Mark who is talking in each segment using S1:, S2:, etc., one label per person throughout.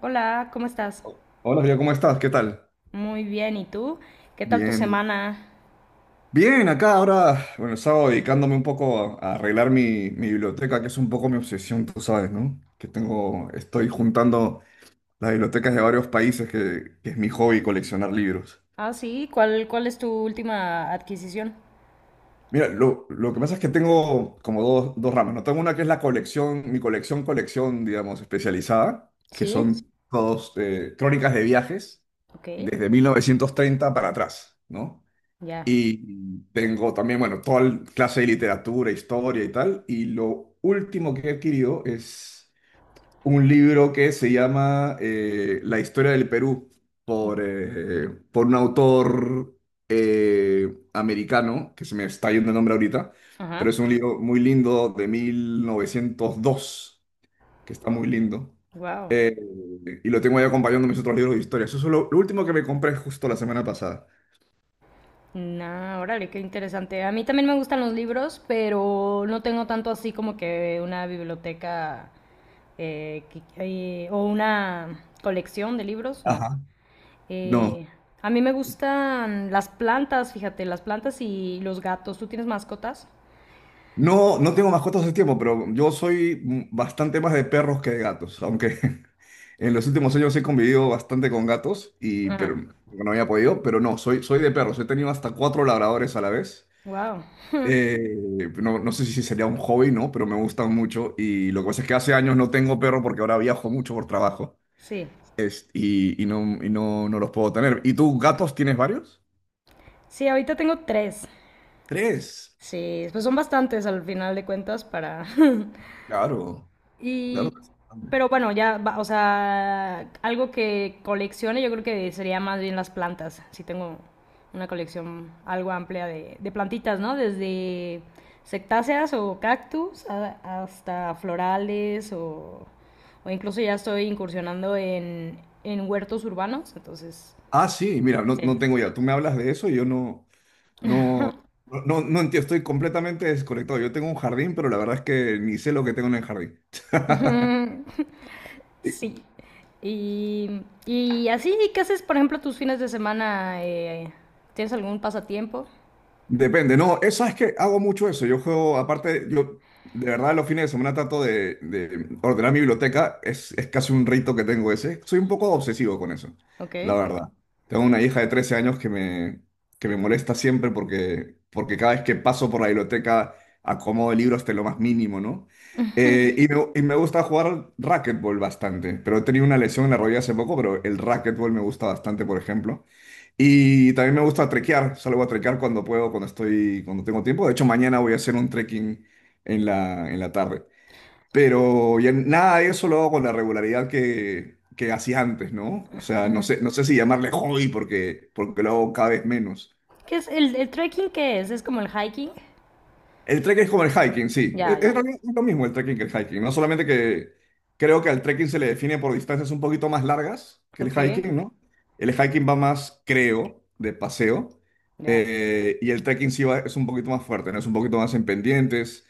S1: Hola, ¿cómo estás?
S2: Hola, Río, ¿cómo estás? ¿Qué tal?
S1: Muy bien, ¿y tú? ¿Qué tal tu
S2: Bien, bien.
S1: semana?
S2: Acá ahora, bueno, estaba dedicándome un poco a arreglar mi biblioteca, que es un poco mi obsesión, tú sabes, ¿no? Que tengo, estoy juntando las bibliotecas de varios países, que es mi hobby coleccionar libros.
S1: Ah, sí, ¿cuál es tu última adquisición?
S2: Mira, lo que pasa es que tengo como dos ramas, ¿no? Tengo una que es la colección, mi colección, digamos, especializada, que son
S1: Sí,
S2: todos crónicas de viajes
S1: ok,
S2: desde 1930 para atrás, ¿no?
S1: ya.
S2: Y tengo también, bueno, toda clase de literatura, historia y tal. Y lo último que he adquirido es un libro que se llama La historia del Perú por un autor americano, que se me está yendo el nombre ahorita,
S1: Ajá,
S2: pero es un libro muy lindo de 1902 que está muy lindo.
S1: wow.
S2: Eh, y lo tengo ahí acompañando mis otros libros de historia. Eso es lo último que me compré justo la semana pasada.
S1: Nah, órale, qué interesante. A mí también me gustan los libros, pero no tengo tanto así como que una biblioteca eh, que- o una colección de libros, no.
S2: Ajá. No.
S1: Eh, a mí me gustan las plantas, fíjate, las plantas y los gatos. ¿Tú tienes mascotas?
S2: No, no tengo mascotas hace tiempo, pero yo soy bastante más de perros que de gatos, aunque en los últimos años he convivido bastante con gatos y pero
S1: Ajá.
S2: bueno, no había podido, pero no, soy de perros, he tenido hasta cuatro labradores a la vez.
S1: Wow.
S2: Eh, no, no sé si sería un hobby, ¿no? Pero me gustan mucho y lo que pasa es que hace años no tengo perro porque ahora viajo mucho por trabajo
S1: Sí,
S2: y no los puedo tener. ¿Y tú, gatos, tienes varios?
S1: sí, ahorita tengo tres.
S2: Tres.
S1: Sí, pues son bastantes al final de cuentas para...
S2: Claro, claro.
S1: Y... Pero bueno, ya, o sea, algo que coleccione yo creo que sería más bien las plantas. Sí tengo una colección algo amplia de plantitas, ¿no? Desde sectáceas o cactus hasta florales o incluso ya estoy incursionando en huertos urbanos, entonces,
S2: Ah, sí, mira, no, no
S1: sí.
S2: tengo idea. Tú me hablas de eso y yo no, no entiendo. Estoy completamente desconectado. Yo tengo un jardín, pero la verdad es que ni sé lo que tengo en el jardín.
S1: Sí. Y así, ¿qué haces, por ejemplo, tus fines de semana? ¿Tienes algún pasatiempo?
S2: Depende, no, eso es que hago mucho eso. Yo juego, aparte, yo de verdad los fines de semana trato de ordenar mi biblioteca, es casi un rito que tengo ese. Soy un poco obsesivo con eso,
S1: Ok.
S2: la verdad. Tengo una hija de 13 años que me molesta siempre porque cada vez que paso por la biblioteca acomodo el libro hasta lo más mínimo, ¿no? Y me gusta jugar racquetball bastante, pero he tenido una lesión en la rodilla hace poco, pero el racquetball me gusta bastante, por ejemplo. Y también me gusta trekear, salgo a trekear cuando puedo, cuando estoy, cuando tengo tiempo. De hecho, mañana voy a hacer un trekking en la tarde. Pero ya nada de eso lo hago con la regularidad que hacía antes, ¿no? O sea, no
S1: Ujú.
S2: sé, no sé si llamarle hobby porque lo hago cada vez menos.
S1: ¿Qué es el trekking? ¿Qué es? ¿Es como el hiking?
S2: El trekking es como el hiking, sí.
S1: Ya,
S2: Es, es lo
S1: ya.
S2: mi- es lo mismo el trekking que el hiking. No solamente que creo que al trekking se le define por distancias un poquito más largas que el
S1: Ok.
S2: hiking, ¿no? El hiking va más, creo, de paseo.
S1: Ya,
S2: Y el trekking sí va, es un poquito más fuerte, ¿no? Es un poquito más en pendientes.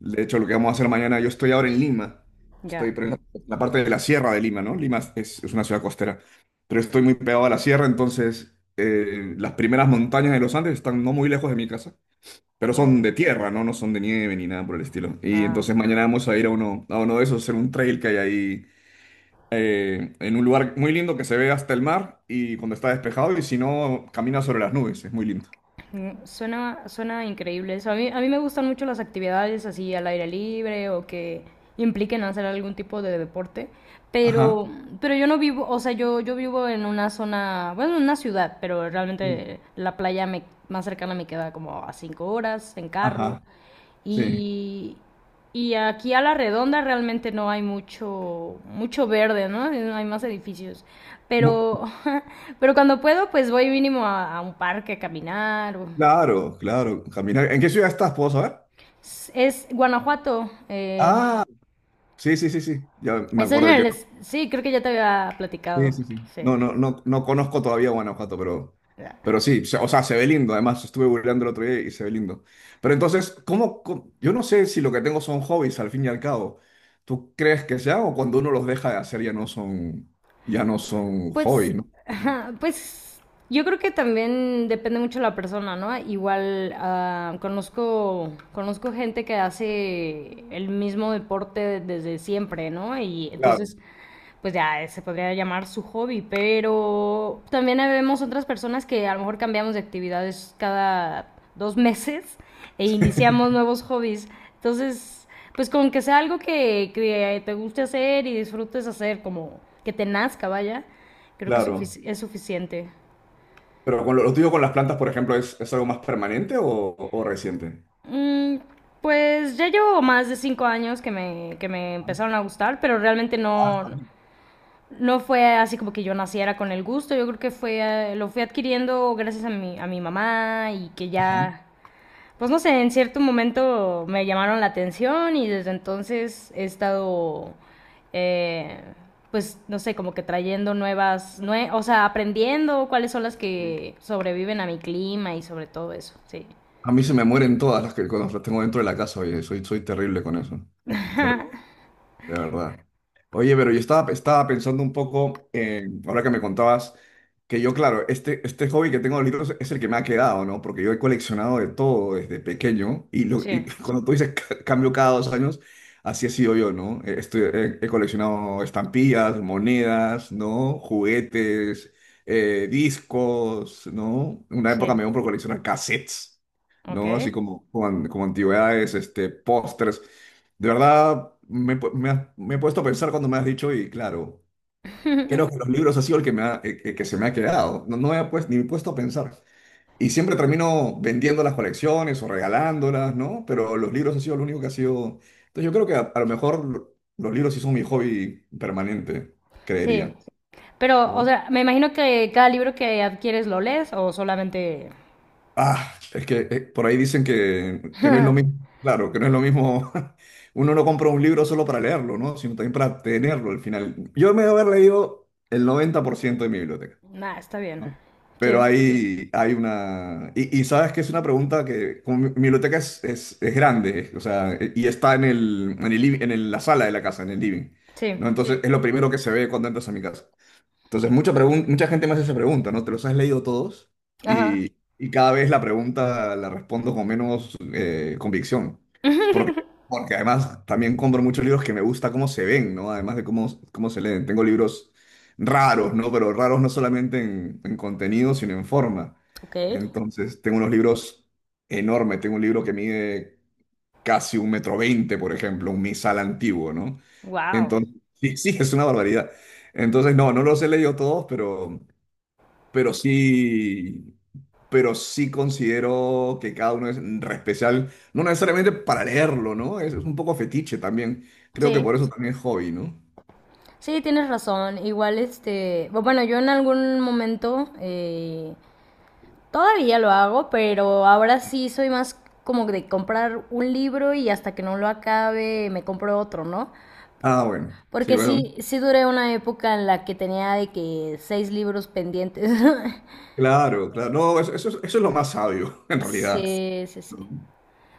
S2: De hecho, lo que vamos a hacer mañana, yo estoy ahora en Lima.
S1: ya.
S2: Estoy pero en la parte de la sierra de Lima, ¿no? Lima es una ciudad costera. Pero estoy muy pegado a la sierra, entonces las primeras montañas de los Andes están no muy lejos de mi casa. Pero
S1: Mm.
S2: son de tierra, ¿no? No son de nieve ni nada por el estilo. Y
S1: Ah, ok.
S2: entonces mañana vamos a ir a uno de esos, hacer un trail que hay ahí, en un lugar muy lindo que se ve hasta el mar y cuando está despejado y si no, camina sobre las nubes, es muy lindo.
S1: Suena increíble eso. A mí me gustan mucho las actividades así al aire libre o que impliquen hacer algún tipo de deporte, pero,
S2: Ajá,
S1: pero yo no vivo, o sea, yo vivo en una zona, bueno, en una ciudad, pero
S2: sí,
S1: realmente la playa más cercana me queda como a 5 horas en carro.
S2: ajá, sí.
S1: Y, y aquí a la redonda realmente no hay mucho, mucho verde, ¿no? No hay más edificios.
S2: Mu-
S1: Pero, pero cuando puedo, pues voy mínimo a un parque a caminar.
S2: claro, claro, caminar. ¿En qué ciudad estás? ¿Puedo saber?
S1: Es, Guanajuato.
S2: Ah, sí, sí, sí, sí. Ya me
S1: Es
S2: acuerdo.
S1: en el, es- sí, creo que ya te había
S2: Sí,
S1: platicado.
S2: sí, sí.
S1: Sí.
S2: No, no, conozco todavía Guanajuato, pero sí, o sea, se ve lindo. Además, estuve googleando el otro día y se ve lindo. Pero entonces, yo no sé si lo que tengo son hobbies al fin y al cabo. ¿Tú crees que sea o cuando uno los deja de hacer ya no son
S1: Pues,
S2: hobbies, ¿no?
S1: ajá, pues yo creo que también depende mucho de la persona, ¿no? Igual conozco gente que hace el mismo deporte desde siempre, ¿no? Y
S2: Claro,
S1: entonces, pues ya se podría llamar su hobby, pero también vemos otras personas que a lo mejor cambiamos de actividades cada 2 meses e iniciamos nuevos hobbies. Entonces, pues con que sea algo que te guste hacer y disfrutes hacer, como que te nazca, vaya, creo que
S2: claro.
S1: es suficiente.
S2: Pero con lo tuyo con las plantas, por ejemplo, ¿es algo más permanente o reciente?
S1: Mm, pues ya llevo más de 5 años que me empezaron a gustar, pero realmente
S2: Ah, está
S1: no,
S2: bien.
S1: no fue así como que yo naciera con el gusto. Yo creo que lo fui adquiriendo gracias a mi mamá y que
S2: Ajá.
S1: ya, pues no sé, en cierto momento me llamaron la atención y desde entonces he estado, eh, pues no sé, como que trayendo nuevas, o sea, aprendiendo cuáles son las
S2: Sí.
S1: que sobreviven a mi clima y sobre todo eso, sí.
S2: A mí se me mueren todas las que cuando las tengo dentro de la casa, oye, soy terrible con eso. De verdad. Oye, pero yo estaba pensando un poco, ahora que me contabas, que yo, claro, este hobby que tengo de los libros es el que me ha quedado, ¿no? Porque yo he coleccionado de todo desde pequeño y, lo,
S1: Sí,
S2: y cuando tú dices cambio cada 2 años, así he sido yo, ¿no? He coleccionado estampillas, monedas, ¿no? Juguetes, discos, ¿no? Una época
S1: sí,
S2: me dio por coleccionar cassettes,
S1: ok.
S2: ¿no? Así como antigüedades, este, pósters. De verdad, me, pu- me has- me he puesto a pensar cuando me has dicho y claro, creo que los libros ha sido el que, me ha- que se me ha quedado. No, no me he pues, ni puesto a pensar. Y siempre termino vendiendo las colecciones o regalándolas, ¿no? Pero los libros ha sido lo único que ha sido... Entonces yo creo que a lo mejor los libros sí son mi hobby permanente,
S1: Sí,
S2: creería,
S1: pero, o
S2: ¿no?
S1: sea, me imagino que cada libro que adquieres lo lees o solamente...
S2: Ah, es que por ahí dicen que no es lo mismo, claro, que no es lo mismo, uno no compra un libro solo para leerlo, ¿no? Sino también para tenerlo al final. Yo me debo haber leído el 90% de mi biblioteca,
S1: Nah, está bien.
S2: ¿no? Pero
S1: Sí,
S2: ahí hay una... Y sabes que es una pregunta que, como mi biblioteca es grande, o sea, y está en la sala de la casa, en el living,
S1: sí.
S2: ¿no? Entonces, sí, es lo primero que se ve cuando entras a mi casa. Entonces,
S1: Ok.
S2: mucha gente me hace esa pregunta, ¿no? ¿Te los has leído todos?
S1: Ajá,
S2: Y cada vez la pregunta la respondo con menos convicción. Porque además también compro muchos libros que me gusta cómo se ven, ¿no? Además de cómo se leen. Tengo libros raros, ¿no? Pero raros no solamente en contenido, sino en forma.
S1: ok.
S2: Entonces, tengo unos libros enormes. Tengo un libro que mide casi 1,20 m, por ejemplo, un misal antiguo, ¿no?
S1: Wow.
S2: Entonces, sí, sí, es una barbaridad. Entonces, no, no los he leído todos, pero sí, pero sí considero que cada uno es re especial, no necesariamente para leerlo, ¿no? Es un poco fetiche también. Creo que
S1: Sí,
S2: por eso también es hobby, ¿no?
S1: sí, tienes razón. Igual, este, bueno, yo en algún momento todavía lo hago, pero ahora sí soy más como de comprar un libro y hasta que no lo acabe me compro otro, ¿no?
S2: Ah, bueno, sí,
S1: Porque
S2: bueno,
S1: sí, sí duré una época en la que tenía de que seis libros pendientes.
S2: claro, claro. No, eso, eso es lo más sabio, en realidad.
S1: Sí, sí, sí.
S2: ¿No?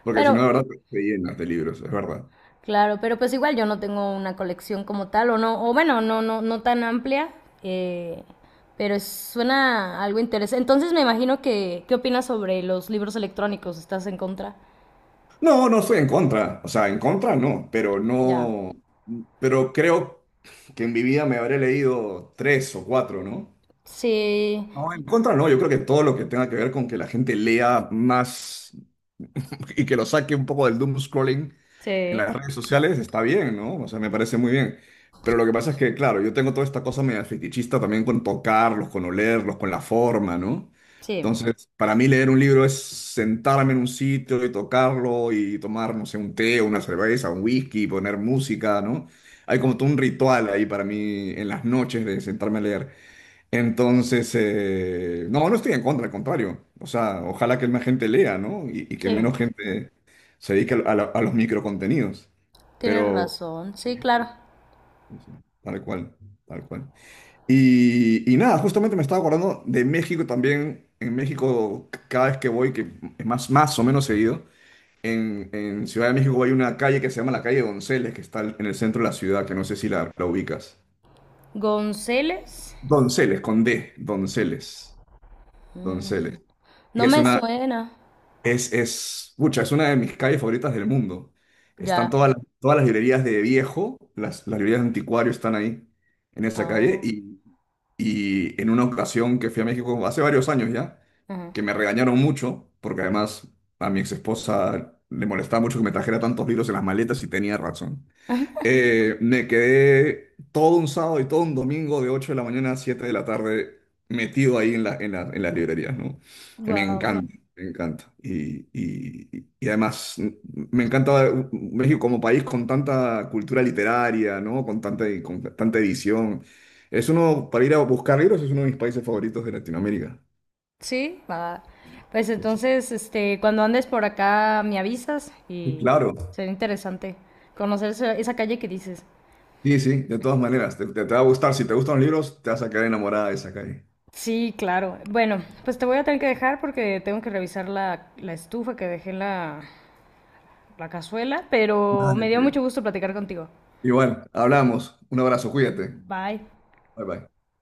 S2: Porque si no, la
S1: Pero,
S2: verdad, te llenas de libros, es verdad.
S1: claro, pero pues igual yo no tengo una colección como tal, o no, o bueno, no, no, no tan amplia, eh, pero suena algo interesante. Entonces me imagino que, ¿qué opinas sobre los libros electrónicos? ¿Estás en contra?
S2: No, no estoy en contra, o sea, en contra no, pero
S1: Ya.
S2: no, pero creo que en mi vida me habré leído tres o cuatro, ¿no?
S1: Sí,
S2: No, en contra no, yo creo que todo lo que tenga que ver con que la gente lea más, y que lo saque un poco del doom scrolling en
S1: sí,
S2: las redes sociales está bien, ¿no? O sea, me parece muy bien. Pero lo que pasa es que, claro, yo tengo toda esta cosa media fetichista también con tocarlos, con olerlos, con la forma, ¿no?
S1: sí,
S2: Entonces, para mí leer un libro es sentarme en un sitio y tocarlo y tomar, no sé, un té, una cerveza, un whisky, poner música, ¿no? Hay como todo un ritual ahí para mí en las noches de sentarme a leer. Entonces, no, no estoy en contra, al contrario. O sea, ojalá que más gente lea, ¿no? Y que menos
S1: sí.
S2: gente se dedique a los microcontenidos.
S1: Tienes
S2: Pero,
S1: razón.
S2: sí,
S1: Sí, claro.
S2: sí, sí, sí, tal cual, tal cual. Y nada, justamente me estaba acordando de México también. En México, cada vez que voy, que es más o menos seguido, en Ciudad de México hay una calle que se llama la calle Donceles, que está en el centro de la ciudad, que no sé si la ubicas.
S1: González.
S2: Donceles, con D, Donceles.
S1: Mm,
S2: Donceles. Que
S1: No
S2: Es
S1: me
S2: una,
S1: suena.
S2: es, pucha, es una de mis calles favoritas del mundo. Están
S1: Ya.
S2: todas todas las librerías de viejo, las librerías de anticuario están ahí, en esa calle.
S1: Oh,
S2: Y en una ocasión que fui a México, hace varios años ya,
S1: ajá.
S2: que me regañaron mucho, porque además a mi ex esposa le molestaba mucho que me trajera tantos libros en las maletas y tenía razón. Me quedé todo un sábado y todo un domingo de 8 de la mañana a 7 de la tarde metido ahí en en las librerías, ¿no? Me, claro,
S1: Wow.
S2: encanta, me encanta. Y además me encanta México como país con tanta cultura literaria, ¿no? Con tanta edición. Es uno, para ir a buscar libros, es uno de mis países favoritos de Latinoamérica.
S1: Sí, va. Pues
S2: Sí, sí.
S1: entonces, este, cuando andes por acá me avisas
S2: Sí,
S1: y
S2: claro. Claro,
S1: será interesante conocer esa calle que dices.
S2: sí, sí, de todas maneras, te va a gustar. Si te gustan los libros, te vas a quedar enamorada de esa calle.
S1: Sí, claro. Bueno, pues te voy a tener que dejar porque tengo que revisar la estufa que dejé en la cazuela, pero me
S2: Dale,
S1: dio mucho
S2: sí,
S1: gusto platicar contigo.
S2: igual, hablamos. Un abrazo, cuídate.
S1: Bye.
S2: Bye bye.